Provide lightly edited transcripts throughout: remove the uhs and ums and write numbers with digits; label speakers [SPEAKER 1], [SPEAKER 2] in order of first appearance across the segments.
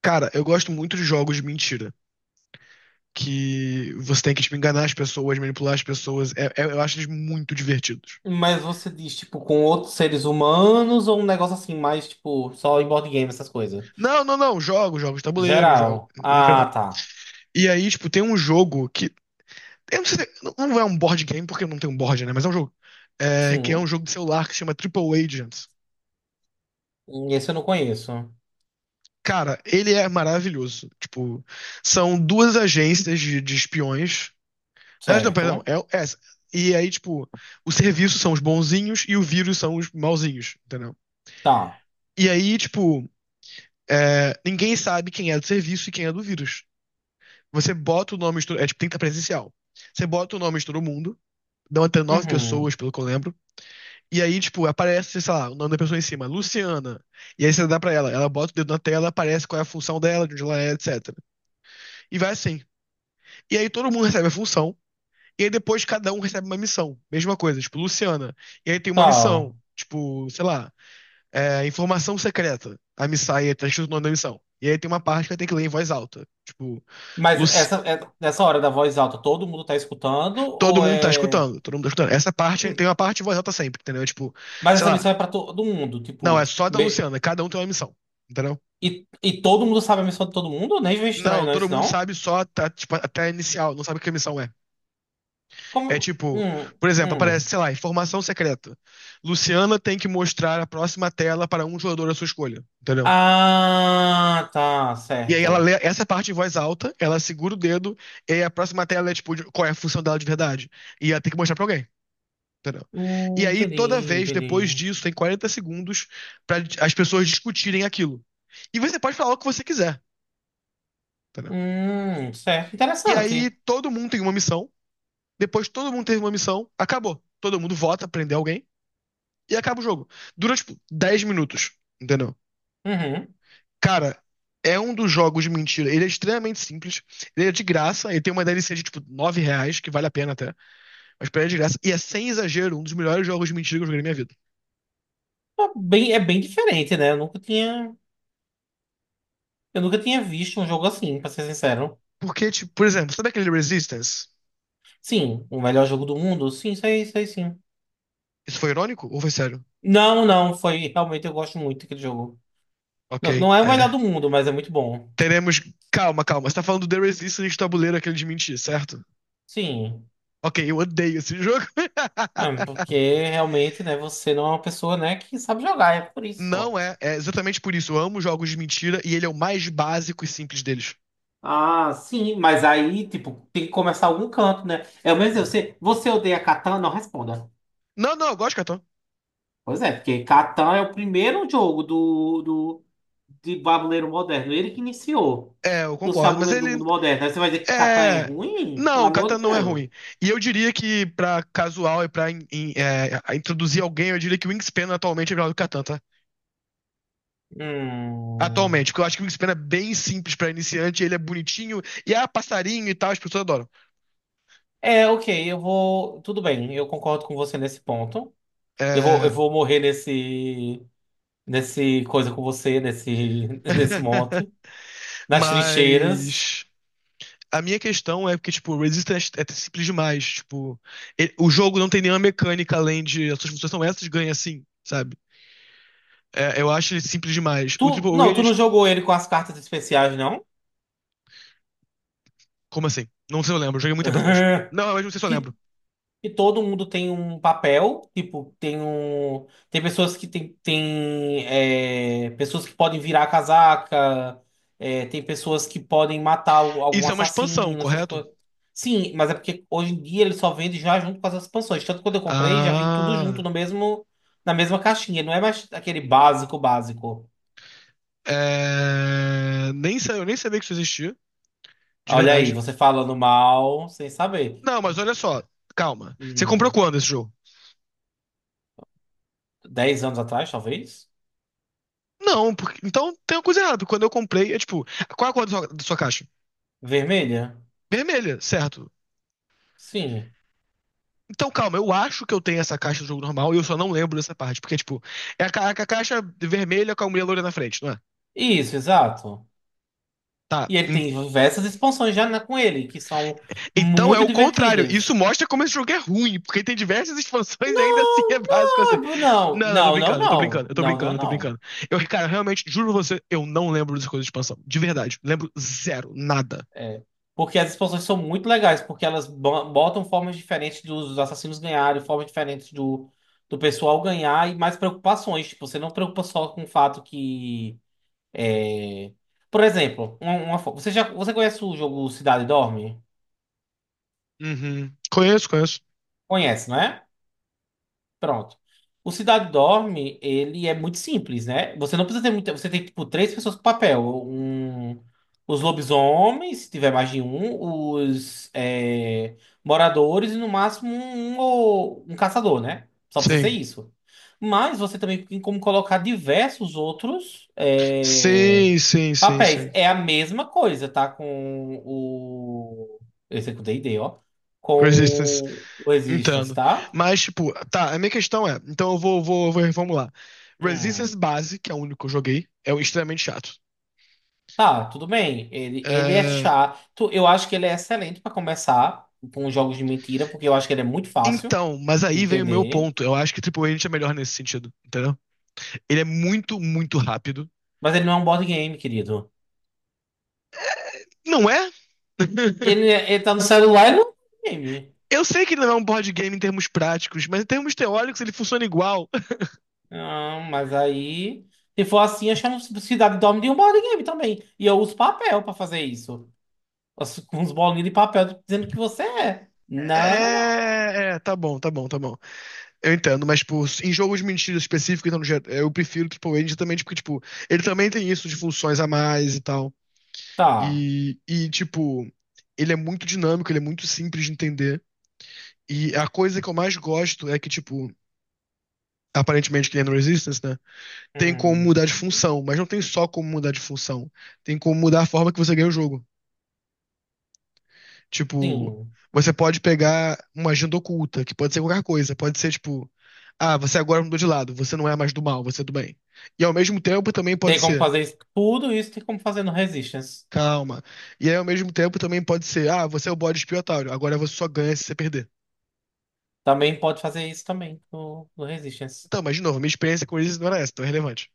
[SPEAKER 1] Cara, eu gosto muito de jogos de mentira. Que você tem que tipo, enganar as pessoas, manipular as pessoas. Eu acho eles muito divertidos.
[SPEAKER 2] Mas você diz, tipo, com outros seres humanos ou um negócio assim, mais, tipo, só em board game, essas coisas?
[SPEAKER 1] Não, não, não. Jogos de tabuleiro, jogo,
[SPEAKER 2] Geral.
[SPEAKER 1] no
[SPEAKER 2] Ah,
[SPEAKER 1] geral.
[SPEAKER 2] tá.
[SPEAKER 1] E aí, tipo, tem um jogo que. Eu não sei, não é um board game, porque não tem um board, né? Mas é um jogo. É, que é um
[SPEAKER 2] Sim.
[SPEAKER 1] jogo de celular que se chama Triple Agents.
[SPEAKER 2] Esse eu não conheço.
[SPEAKER 1] Cara, ele é maravilhoso. Tipo, são duas agências de espiões. Ah, não, perdão.
[SPEAKER 2] Certo.
[SPEAKER 1] É, e aí, tipo, o serviço são os bonzinhos e o vírus são os mauzinhos, entendeu?
[SPEAKER 2] Tá.
[SPEAKER 1] E aí, tipo, ninguém sabe quem é do serviço e quem é do vírus. Você bota o nome, é tipo, tem que estar presencial. Você bota o nome de todo mundo, dão até nove
[SPEAKER 2] Uhum.
[SPEAKER 1] pessoas, pelo que eu lembro. E aí, tipo, aparece, sei lá, o nome da pessoa em cima, Luciana. E aí você dá pra ela, ela bota o dedo na tela, aparece qual é a função dela, de onde ela é, etc. E vai assim. E aí todo mundo recebe a função, e aí depois cada um recebe uma missão. Mesma coisa, tipo, Luciana. E aí tem uma
[SPEAKER 2] Tá.
[SPEAKER 1] missão, tipo, sei lá, Informação secreta. A Missaia tá escrito o nome da missão. E aí tem uma parte que ela tem que ler em voz alta. Tipo,
[SPEAKER 2] Mas
[SPEAKER 1] Luci-
[SPEAKER 2] essa hora da voz alta, todo mundo tá escutando?
[SPEAKER 1] todo
[SPEAKER 2] Ou
[SPEAKER 1] mundo tá
[SPEAKER 2] é.
[SPEAKER 1] escutando, todo mundo tá escutando. Essa parte, tem
[SPEAKER 2] Hum.
[SPEAKER 1] uma parte em voz alta sempre, entendeu? Tipo,
[SPEAKER 2] Mas
[SPEAKER 1] sei
[SPEAKER 2] essa
[SPEAKER 1] lá,
[SPEAKER 2] missão é pra todo mundo,
[SPEAKER 1] não,
[SPEAKER 2] tipo.
[SPEAKER 1] é só da Luciana, cada um tem uma missão, entendeu?
[SPEAKER 2] E todo mundo sabe a missão de todo mundo? Nem vem estranho,
[SPEAKER 1] Não,
[SPEAKER 2] não,
[SPEAKER 1] todo
[SPEAKER 2] isso
[SPEAKER 1] mundo
[SPEAKER 2] não?
[SPEAKER 1] sabe só tá, tipo, até a inicial, não sabe o que a missão é. É
[SPEAKER 2] Como.
[SPEAKER 1] tipo, por exemplo, aparece,
[SPEAKER 2] Hum.
[SPEAKER 1] sei lá, informação secreta. Luciana tem que mostrar a próxima tela para um jogador à sua escolha, entendeu?
[SPEAKER 2] Ah, tá,
[SPEAKER 1] E aí ela
[SPEAKER 2] certo.
[SPEAKER 1] lê essa parte em voz alta, ela segura o dedo, e aí a próxima tela é qual é a função dela de verdade. E ela tem que mostrar pra alguém. Entendeu? E aí, toda
[SPEAKER 2] Entendi,
[SPEAKER 1] vez depois
[SPEAKER 2] entendi.
[SPEAKER 1] disso, tem 40 segundos pra as pessoas discutirem aquilo. E você pode falar o que você quiser. Entendeu?
[SPEAKER 2] Certo,
[SPEAKER 1] E aí,
[SPEAKER 2] interessante.
[SPEAKER 1] todo mundo tem uma missão. Depois, todo mundo teve uma missão. Acabou. Todo mundo vota, prender alguém. E acaba o jogo. Dura, tipo, 10 minutos. Entendeu?
[SPEAKER 2] Uhum.
[SPEAKER 1] Cara, é um dos jogos de mentira. Ele é extremamente simples. Ele é de graça. Ele tem uma DLC de tipo R$ 9, que vale a pena até. Mas pra ele é de graça. E é sem exagero, um dos melhores jogos de mentira que eu joguei na minha vida.
[SPEAKER 2] É bem diferente, né? Eu nunca tinha visto um jogo assim, pra ser sincero.
[SPEAKER 1] Porque, tipo, por exemplo, sabe aquele Resistance?
[SPEAKER 2] Sim, o melhor jogo do mundo? Sim, sei, sei, sim.
[SPEAKER 1] Isso foi irônico ou foi sério?
[SPEAKER 2] Não, não, foi, realmente eu gosto muito daquele jogo.
[SPEAKER 1] Ok,
[SPEAKER 2] Não, não é o
[SPEAKER 1] é.
[SPEAKER 2] melhor do mundo, mas é muito bom.
[SPEAKER 1] Teremos. Calma, calma. Você tá falando do The Resistance de tabuleiro, aquele de mentir, certo?
[SPEAKER 2] Sim,
[SPEAKER 1] Ok, eu odeio esse jogo.
[SPEAKER 2] é, porque realmente, né, você não é uma pessoa, né, que sabe jogar, é por isso
[SPEAKER 1] Não
[SPEAKER 2] só.
[SPEAKER 1] é. É exatamente por isso. Eu amo jogos de mentira e ele é o mais básico e simples deles.
[SPEAKER 2] Ah, sim, mas aí, tipo, tem que começar algum canto, né? É o mesmo, você odeia Catan? Não responda.
[SPEAKER 1] Não, não, eu gosto, Catão.
[SPEAKER 2] Pois é, porque Catan é o primeiro jogo do, de tabuleiro moderno. Ele que iniciou
[SPEAKER 1] É, eu
[SPEAKER 2] os
[SPEAKER 1] concordo, mas
[SPEAKER 2] tabuleiros do
[SPEAKER 1] ele
[SPEAKER 2] mundo moderno. Aí você vai dizer que Catan é
[SPEAKER 1] É.
[SPEAKER 2] ruim? Pelo
[SPEAKER 1] Não,
[SPEAKER 2] amor
[SPEAKER 1] Catan
[SPEAKER 2] de
[SPEAKER 1] não é
[SPEAKER 2] Deus.
[SPEAKER 1] ruim. E eu diria que pra casual e pra introduzir alguém, eu diria que o Wingspan atualmente é melhor do que Catan, tá?
[SPEAKER 2] Hum.
[SPEAKER 1] Atualmente, porque eu acho que o Wingspan é bem simples pra iniciante, ele é bonitinho, e há passarinho e tal, as pessoas adoram.
[SPEAKER 2] É, ok, eu vou. Tudo bem, eu concordo com você nesse ponto. Eu vou,
[SPEAKER 1] É,
[SPEAKER 2] eu vou morrer nesse coisa com você, nesse, nesse monte, nas trincheiras.
[SPEAKER 1] Mas a minha questão é porque, tipo, o Resistance é simples demais. Tipo, o jogo não tem nenhuma mecânica além de as suas funções são essas, ganha assim, sabe? É, eu acho ele simples demais. O Triple
[SPEAKER 2] Tu não
[SPEAKER 1] Agent.
[SPEAKER 2] jogou ele com as cartas especiais, não?
[SPEAKER 1] Como assim? Não sei se eu lembro, joguei muito tempo atrás. Não, mas não sei se eu
[SPEAKER 2] Que
[SPEAKER 1] lembro.
[SPEAKER 2] E todo mundo tem um papel, tipo, tem um. Tem pessoas que tem é, pessoas que podem virar a casaca, é, tem pessoas que podem matar algum
[SPEAKER 1] Isso é uma expansão,
[SPEAKER 2] assassino, essas
[SPEAKER 1] correto?
[SPEAKER 2] coisas. Sim, mas é porque hoje em dia ele só vende já junto com as expansões. Tanto que quando eu comprei, já vem tudo junto
[SPEAKER 1] Ah.
[SPEAKER 2] no mesmo, na mesma caixinha. Não é mais aquele básico básico.
[SPEAKER 1] Nem sa- Eu nem sabia que isso existia, de
[SPEAKER 2] Olha aí,
[SPEAKER 1] verdade.
[SPEAKER 2] você falando mal sem saber.
[SPEAKER 1] Não, mas olha só, calma. Você comprou
[SPEAKER 2] Hum,
[SPEAKER 1] quando esse jogo?
[SPEAKER 2] 10 anos atrás, talvez?
[SPEAKER 1] Não, porque... então tem uma coisa errada. Quando eu comprei, é tipo, qual é a cor da sua caixa?
[SPEAKER 2] Vermelha?
[SPEAKER 1] Vermelha, certo?
[SPEAKER 2] Sim.
[SPEAKER 1] Então calma, eu acho que eu tenho essa caixa do jogo normal e eu só não lembro dessa parte. Porque, tipo, é a caixa vermelha com a mulher loira na frente, não é?
[SPEAKER 2] Isso, exato.
[SPEAKER 1] Tá.
[SPEAKER 2] E ele tem diversas expansões com ele, que são
[SPEAKER 1] Então é
[SPEAKER 2] muito
[SPEAKER 1] o contrário. Isso
[SPEAKER 2] divertidas.
[SPEAKER 1] mostra como esse jogo é ruim, porque tem diversas expansões e ainda assim é
[SPEAKER 2] Não,
[SPEAKER 1] básico
[SPEAKER 2] não,
[SPEAKER 1] assim. Não,
[SPEAKER 2] não,
[SPEAKER 1] não, eu tô
[SPEAKER 2] não, não,
[SPEAKER 1] brincando, eu tô brincando,
[SPEAKER 2] não,
[SPEAKER 1] eu tô
[SPEAKER 2] não,
[SPEAKER 1] brincando,
[SPEAKER 2] não,
[SPEAKER 1] eu tô
[SPEAKER 2] não.
[SPEAKER 1] brincando. Eu, cara, realmente, juro você, eu não lembro das coisas de expansão. De verdade. Lembro zero, nada.
[SPEAKER 2] É, porque as expansões são muito legais, porque elas botam formas diferentes dos assassinos ganharem, formas diferentes do pessoal ganhar e mais preocupações. Tipo, você não preocupa só com o fato que. é, Por exemplo, uma fo- você já você conhece o jogo Cidade Dorme?
[SPEAKER 1] Uhum. Conheço, conheço.
[SPEAKER 2] Conhece, não é? Pronto. O Cidade Dorme, ele é muito simples, né? Você não precisa ter muita. Você tem, tipo, três pessoas com papel. Um, os lobisomens, se tiver mais de um, os moradores e no máximo um, um caçador, né? Só precisa ser
[SPEAKER 1] Sim.
[SPEAKER 2] isso. Mas você também tem como colocar diversos outros
[SPEAKER 1] Sim, sim, sim,
[SPEAKER 2] papéis.
[SPEAKER 1] sim.
[SPEAKER 2] É a mesma coisa, tá? Com o. Esse aqui é o D&D, ó.
[SPEAKER 1] Resistance.
[SPEAKER 2] Com o Resistance,
[SPEAKER 1] Entendo.
[SPEAKER 2] tá?
[SPEAKER 1] Mas, tipo, tá, a minha questão é. Então eu vou reformular.
[SPEAKER 2] Hum.
[SPEAKER 1] Resistance base, que é o único que eu joguei, é o extremamente chato.
[SPEAKER 2] Tá, tudo bem. Ele é
[SPEAKER 1] É,
[SPEAKER 2] chato. Eu acho que ele é excelente pra começar com os jogos de mentira, porque eu acho que ele é muito fácil
[SPEAKER 1] então, mas
[SPEAKER 2] de
[SPEAKER 1] aí vem o meu
[SPEAKER 2] entender.
[SPEAKER 1] ponto. Eu acho que Triple H é melhor nesse sentido, entendeu? Ele é muito, muito rápido.
[SPEAKER 2] Mas ele não é um board game, querido.
[SPEAKER 1] Não é?
[SPEAKER 2] Ele, ele tá no celular, ele não é um board game.
[SPEAKER 1] Eu sei que ele não é um board game em termos práticos, mas em termos teóricos ele funciona igual.
[SPEAKER 2] Não, mas aí, se for assim, eu chamo Cidade Dorme de um board game também. E eu uso papel pra fazer isso. Com uns bolinhos de papel dizendo que você é. Não, não, não.
[SPEAKER 1] Tá bom, tá bom, tá bom. Eu entendo, mas tipo, em jogos de mentira específicos, então, eu prefiro o Triple H justamente porque, tipo, ele também tem isso de funções a mais e tal.
[SPEAKER 2] Tá.
[SPEAKER 1] E tipo, ele é muito dinâmico, ele é muito simples de entender. E a coisa que eu mais gosto é que, tipo, aparentemente que ele é no Resistance, né? Tem como
[SPEAKER 2] Uhum.
[SPEAKER 1] mudar de função, mas não tem só como mudar de função. Tem como mudar a forma que você ganha o jogo. Tipo,
[SPEAKER 2] Sim.
[SPEAKER 1] você pode pegar uma agenda oculta, que pode ser qualquer coisa. Pode ser, tipo, ah, você agora mudou de lado, você não é mais do mal, você é do bem. E ao mesmo tempo também pode
[SPEAKER 2] Tem como
[SPEAKER 1] ser,
[SPEAKER 2] fazer isso. Tudo isso tem como fazer no Resistance.
[SPEAKER 1] calma. E aí, ao mesmo tempo também pode ser, ah, você é o bode expiatório, agora você só ganha se você perder.
[SPEAKER 2] Também pode fazer isso também no, Resistance.
[SPEAKER 1] Então, mas de novo, minha experiência com eles não era essa, então é relevante.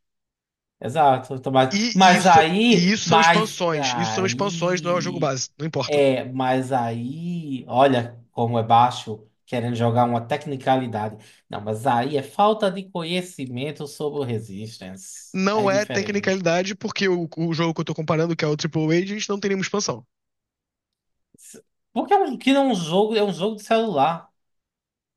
[SPEAKER 2] Exato. Então,
[SPEAKER 1] E
[SPEAKER 2] Mas, mas
[SPEAKER 1] isso, e
[SPEAKER 2] aí,
[SPEAKER 1] isso são
[SPEAKER 2] mas
[SPEAKER 1] expansões. Isso são expansões, não é o jogo
[SPEAKER 2] aí,
[SPEAKER 1] base, não importa.
[SPEAKER 2] é, mas aí, olha como é baixo, querendo jogar uma tecnicalidade. Não, mas aí é falta de conhecimento sobre o Resistance. É
[SPEAKER 1] Não é
[SPEAKER 2] diferente.
[SPEAKER 1] tecnicalidade, porque o jogo que eu tô comparando, que é o Triple Agent, não tem nenhuma expansão.
[SPEAKER 2] S- Porque que não é um jogo, é um jogo de celular.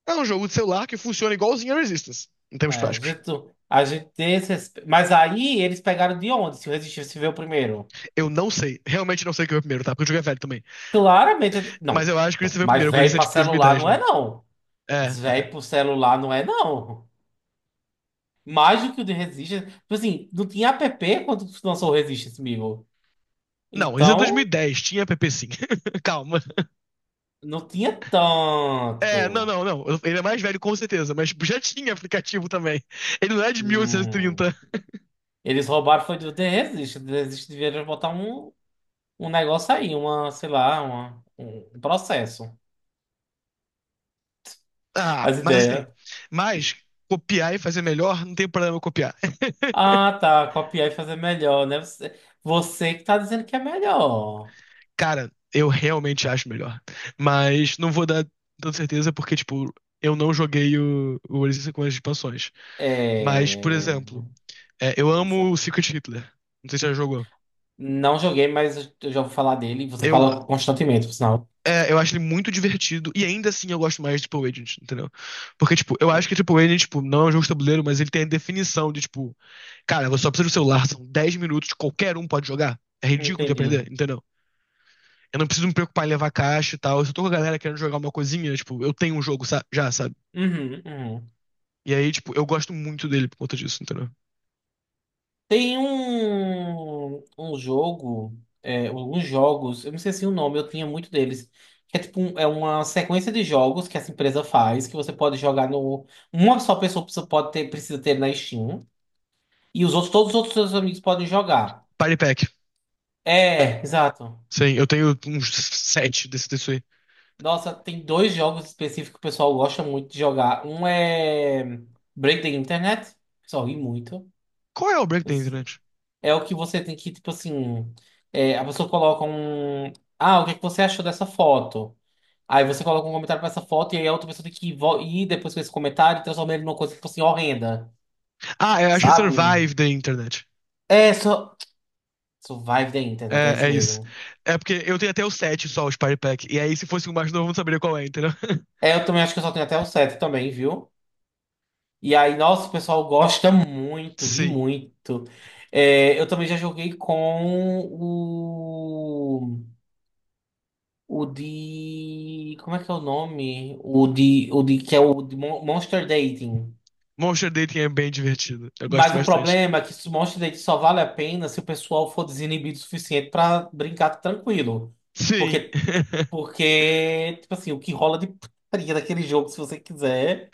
[SPEAKER 1] É um jogo de celular que funciona igualzinho a Resistance, em
[SPEAKER 2] É,
[SPEAKER 1] termos
[SPEAKER 2] a
[SPEAKER 1] práticos.
[SPEAKER 2] gente, a gente tem esse, mas aí eles pegaram de onde? Se o Resistance veio primeiro?
[SPEAKER 1] Eu não sei, realmente não sei o que veio primeiro, tá? Porque o jogo é velho também.
[SPEAKER 2] Claramente.
[SPEAKER 1] Mas
[SPEAKER 2] Não,
[SPEAKER 1] eu acho que isso
[SPEAKER 2] não.
[SPEAKER 1] veio
[SPEAKER 2] Mas
[SPEAKER 1] primeiro, porque
[SPEAKER 2] velho
[SPEAKER 1] isso é
[SPEAKER 2] pra
[SPEAKER 1] tipo
[SPEAKER 2] celular
[SPEAKER 1] 2010,
[SPEAKER 2] não é,
[SPEAKER 1] né?
[SPEAKER 2] não.
[SPEAKER 1] É,
[SPEAKER 2] Velho
[SPEAKER 1] é.
[SPEAKER 2] pro celular não é, não. Mais do que o de Resistance. Tipo assim, não tinha app quando lançou o Resistance, amigo.
[SPEAKER 1] Não, esse é
[SPEAKER 2] Então,
[SPEAKER 1] 2010, tinha app sim. Calma.
[SPEAKER 2] não tinha
[SPEAKER 1] É, não,
[SPEAKER 2] tanto.
[SPEAKER 1] não, não. Ele é mais velho com certeza, mas tipo, já tinha aplicativo também. Ele não é de 1830.
[SPEAKER 2] Hum. Eles roubaram foi do The Resistance. The Resistance deveria botar um negócio aí, uma, sei lá, uma, um processo.
[SPEAKER 1] Ah,
[SPEAKER 2] As
[SPEAKER 1] mas assim.
[SPEAKER 2] ideias.
[SPEAKER 1] Mas copiar e fazer melhor, não tem problema copiar.
[SPEAKER 2] Ah, tá. Copiar e fazer melhor, né? Você que tá dizendo que é melhor.
[SPEAKER 1] Cara, eu realmente acho melhor. Mas não vou dar tanta certeza porque, tipo, eu não joguei o Oasis com as expansões. Mas, por
[SPEAKER 2] É.
[SPEAKER 1] exemplo, eu
[SPEAKER 2] Pois
[SPEAKER 1] amo o
[SPEAKER 2] é.
[SPEAKER 1] Secret Hitler. Não sei se você já jogou.
[SPEAKER 2] Não joguei, mas eu já ouvi falar dele. Você
[SPEAKER 1] Eu,
[SPEAKER 2] fala constantemente, por sinal.
[SPEAKER 1] eu acho ele muito divertido e ainda assim eu gosto mais de Triple Agent, entendeu? Porque, tipo, eu acho que Triple Agent, tipo, não é um jogo de tabuleiro, mas ele tem a definição de, tipo, cara, você só precisa do celular, são 10 minutos, qualquer um pode jogar. É ridículo de aprender,
[SPEAKER 2] Entendi.
[SPEAKER 1] entendeu? Eu não preciso me preocupar em levar caixa e tal. Se eu tô com a galera querendo jogar uma coisinha, tipo, eu tenho um jogo já, sabe?
[SPEAKER 2] Uhum, uhum.
[SPEAKER 1] E aí, tipo, eu gosto muito dele por conta disso, entendeu?
[SPEAKER 2] Tem um jogo, alguns jogos, eu não sei se o nome, eu tinha muito deles. Que é tipo é uma sequência de jogos que essa empresa faz, que você pode jogar no. Uma só pessoa pode ter, precisa ter na Steam. E os outros, todos os outros seus amigos podem jogar.
[SPEAKER 1] Party Pack.
[SPEAKER 2] É, exato.
[SPEAKER 1] Sim, eu tenho uns sete desse aí.
[SPEAKER 2] Nossa, tem dois jogos específicos que o pessoal gosta muito de jogar. Um é Break the Internet, o pessoal ri muito.
[SPEAKER 1] Qual é o break da internet?
[SPEAKER 2] É o que você tem que, tipo assim, a pessoa coloca um. Ah, o que é que você achou dessa foto? Aí você coloca um comentário pra essa foto e aí a outra pessoa tem que ir depois com esse comentário e transformar ele numa coisa, tipo assim, horrenda,
[SPEAKER 1] Ah, eu acho que é
[SPEAKER 2] sabe?
[SPEAKER 1] Survive da Internet.
[SPEAKER 2] É, só. Survive the Internet, é
[SPEAKER 1] É,
[SPEAKER 2] isso
[SPEAKER 1] é isso.
[SPEAKER 2] mesmo.
[SPEAKER 1] É porque eu tenho até o 7 só, os Party Pack. E aí, se fosse o mais novo, eu não saberia qual é, entendeu?
[SPEAKER 2] É, eu também acho que eu só tenho até o 7 também, viu? E aí, nossa, o pessoal gosta muito, ri
[SPEAKER 1] Sim.
[SPEAKER 2] muito. É, eu também já joguei com o. O de. Como é que é o nome? O de. O de que é o de Monster Dating.
[SPEAKER 1] Monster Dating é bem divertido. Eu gosto
[SPEAKER 2] Mas o
[SPEAKER 1] bastante.
[SPEAKER 2] problema é que esse Monster Dating só vale a pena se o pessoal for desinibido o suficiente pra brincar tranquilo.
[SPEAKER 1] Sim.
[SPEAKER 2] Porque, porque, tipo assim, o que rola de putaria daquele jogo, se você quiser.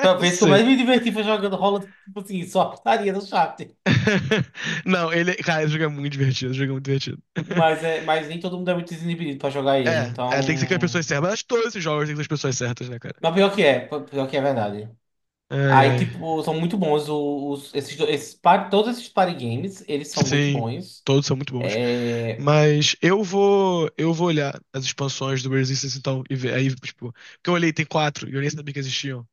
[SPEAKER 2] Pra ver se eu
[SPEAKER 1] Sim.
[SPEAKER 2] mais me diverti foi jogando rola, tipo assim, só a putaria no chat.
[SPEAKER 1] Não, ele. Cara, esse jogo é muito divertido. Esse jogo é muito divertido.
[SPEAKER 2] Mas nem todo mundo é muito desinibido pra jogar ele,
[SPEAKER 1] Tem que ser com as
[SPEAKER 2] então.
[SPEAKER 1] pessoas certas. Mas acho que todos esses jogos tem que ser com as pessoas certas, né, cara?
[SPEAKER 2] Mas pior que é verdade.
[SPEAKER 1] Ai,
[SPEAKER 2] Aí,
[SPEAKER 1] ai.
[SPEAKER 2] tipo, são muito bons todos esses party games, eles são muito
[SPEAKER 1] Sim,
[SPEAKER 2] bons.
[SPEAKER 1] todos são muito bons.
[SPEAKER 2] É,
[SPEAKER 1] Mas eu vou olhar as expansões do Resistance então e ver aí, tipo, porque eu olhei tem quatro e eu nem sabia que existiam.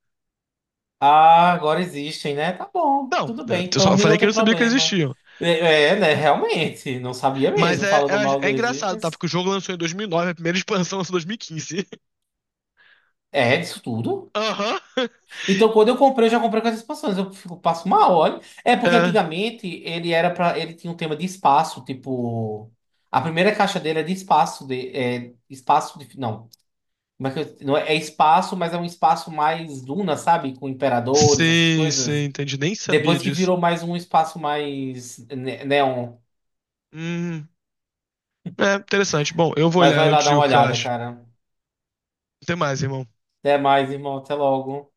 [SPEAKER 2] ah, agora existem, né? Tá bom,
[SPEAKER 1] Não,
[SPEAKER 2] tudo
[SPEAKER 1] né,
[SPEAKER 2] bem,
[SPEAKER 1] eu
[SPEAKER 2] pra
[SPEAKER 1] só
[SPEAKER 2] mim
[SPEAKER 1] falei
[SPEAKER 2] não
[SPEAKER 1] que eu
[SPEAKER 2] tem
[SPEAKER 1] não sabia que
[SPEAKER 2] problema.
[SPEAKER 1] existiam.
[SPEAKER 2] É, é, né? Realmente, não sabia
[SPEAKER 1] Mas
[SPEAKER 2] mesmo,
[SPEAKER 1] é,
[SPEAKER 2] falando mal da
[SPEAKER 1] engraçado, tá?
[SPEAKER 2] existência.
[SPEAKER 1] Porque o jogo lançou em 2009 a primeira expansão lançou em 2015.
[SPEAKER 2] É, disso tudo.
[SPEAKER 1] Aham.
[SPEAKER 2] Então, quando eu comprei, eu já comprei com essas expansões. Eu fico, passo mal, olha. É porque
[SPEAKER 1] É,
[SPEAKER 2] antigamente ele era para, ele tinha um tema de espaço, tipo, a primeira caixa dele é de espaço, de, espaço de, não, como é que não é, é espaço, mas é um espaço mais duna, sabe, com imperadores, essas
[SPEAKER 1] sim, sim,
[SPEAKER 2] coisas.
[SPEAKER 1] entendi. Nem sabia
[SPEAKER 2] Depois que
[SPEAKER 1] disso.
[SPEAKER 2] virou mais um espaço mais neon.
[SPEAKER 1] Hum, é interessante. Bom, eu vou
[SPEAKER 2] Mas
[SPEAKER 1] olhar,
[SPEAKER 2] vai
[SPEAKER 1] eu
[SPEAKER 2] lá
[SPEAKER 1] te
[SPEAKER 2] dar
[SPEAKER 1] digo
[SPEAKER 2] uma
[SPEAKER 1] o que eu
[SPEAKER 2] olhada,
[SPEAKER 1] acho.
[SPEAKER 2] cara.
[SPEAKER 1] Até mais, irmão.
[SPEAKER 2] Até mais, irmão. Até logo.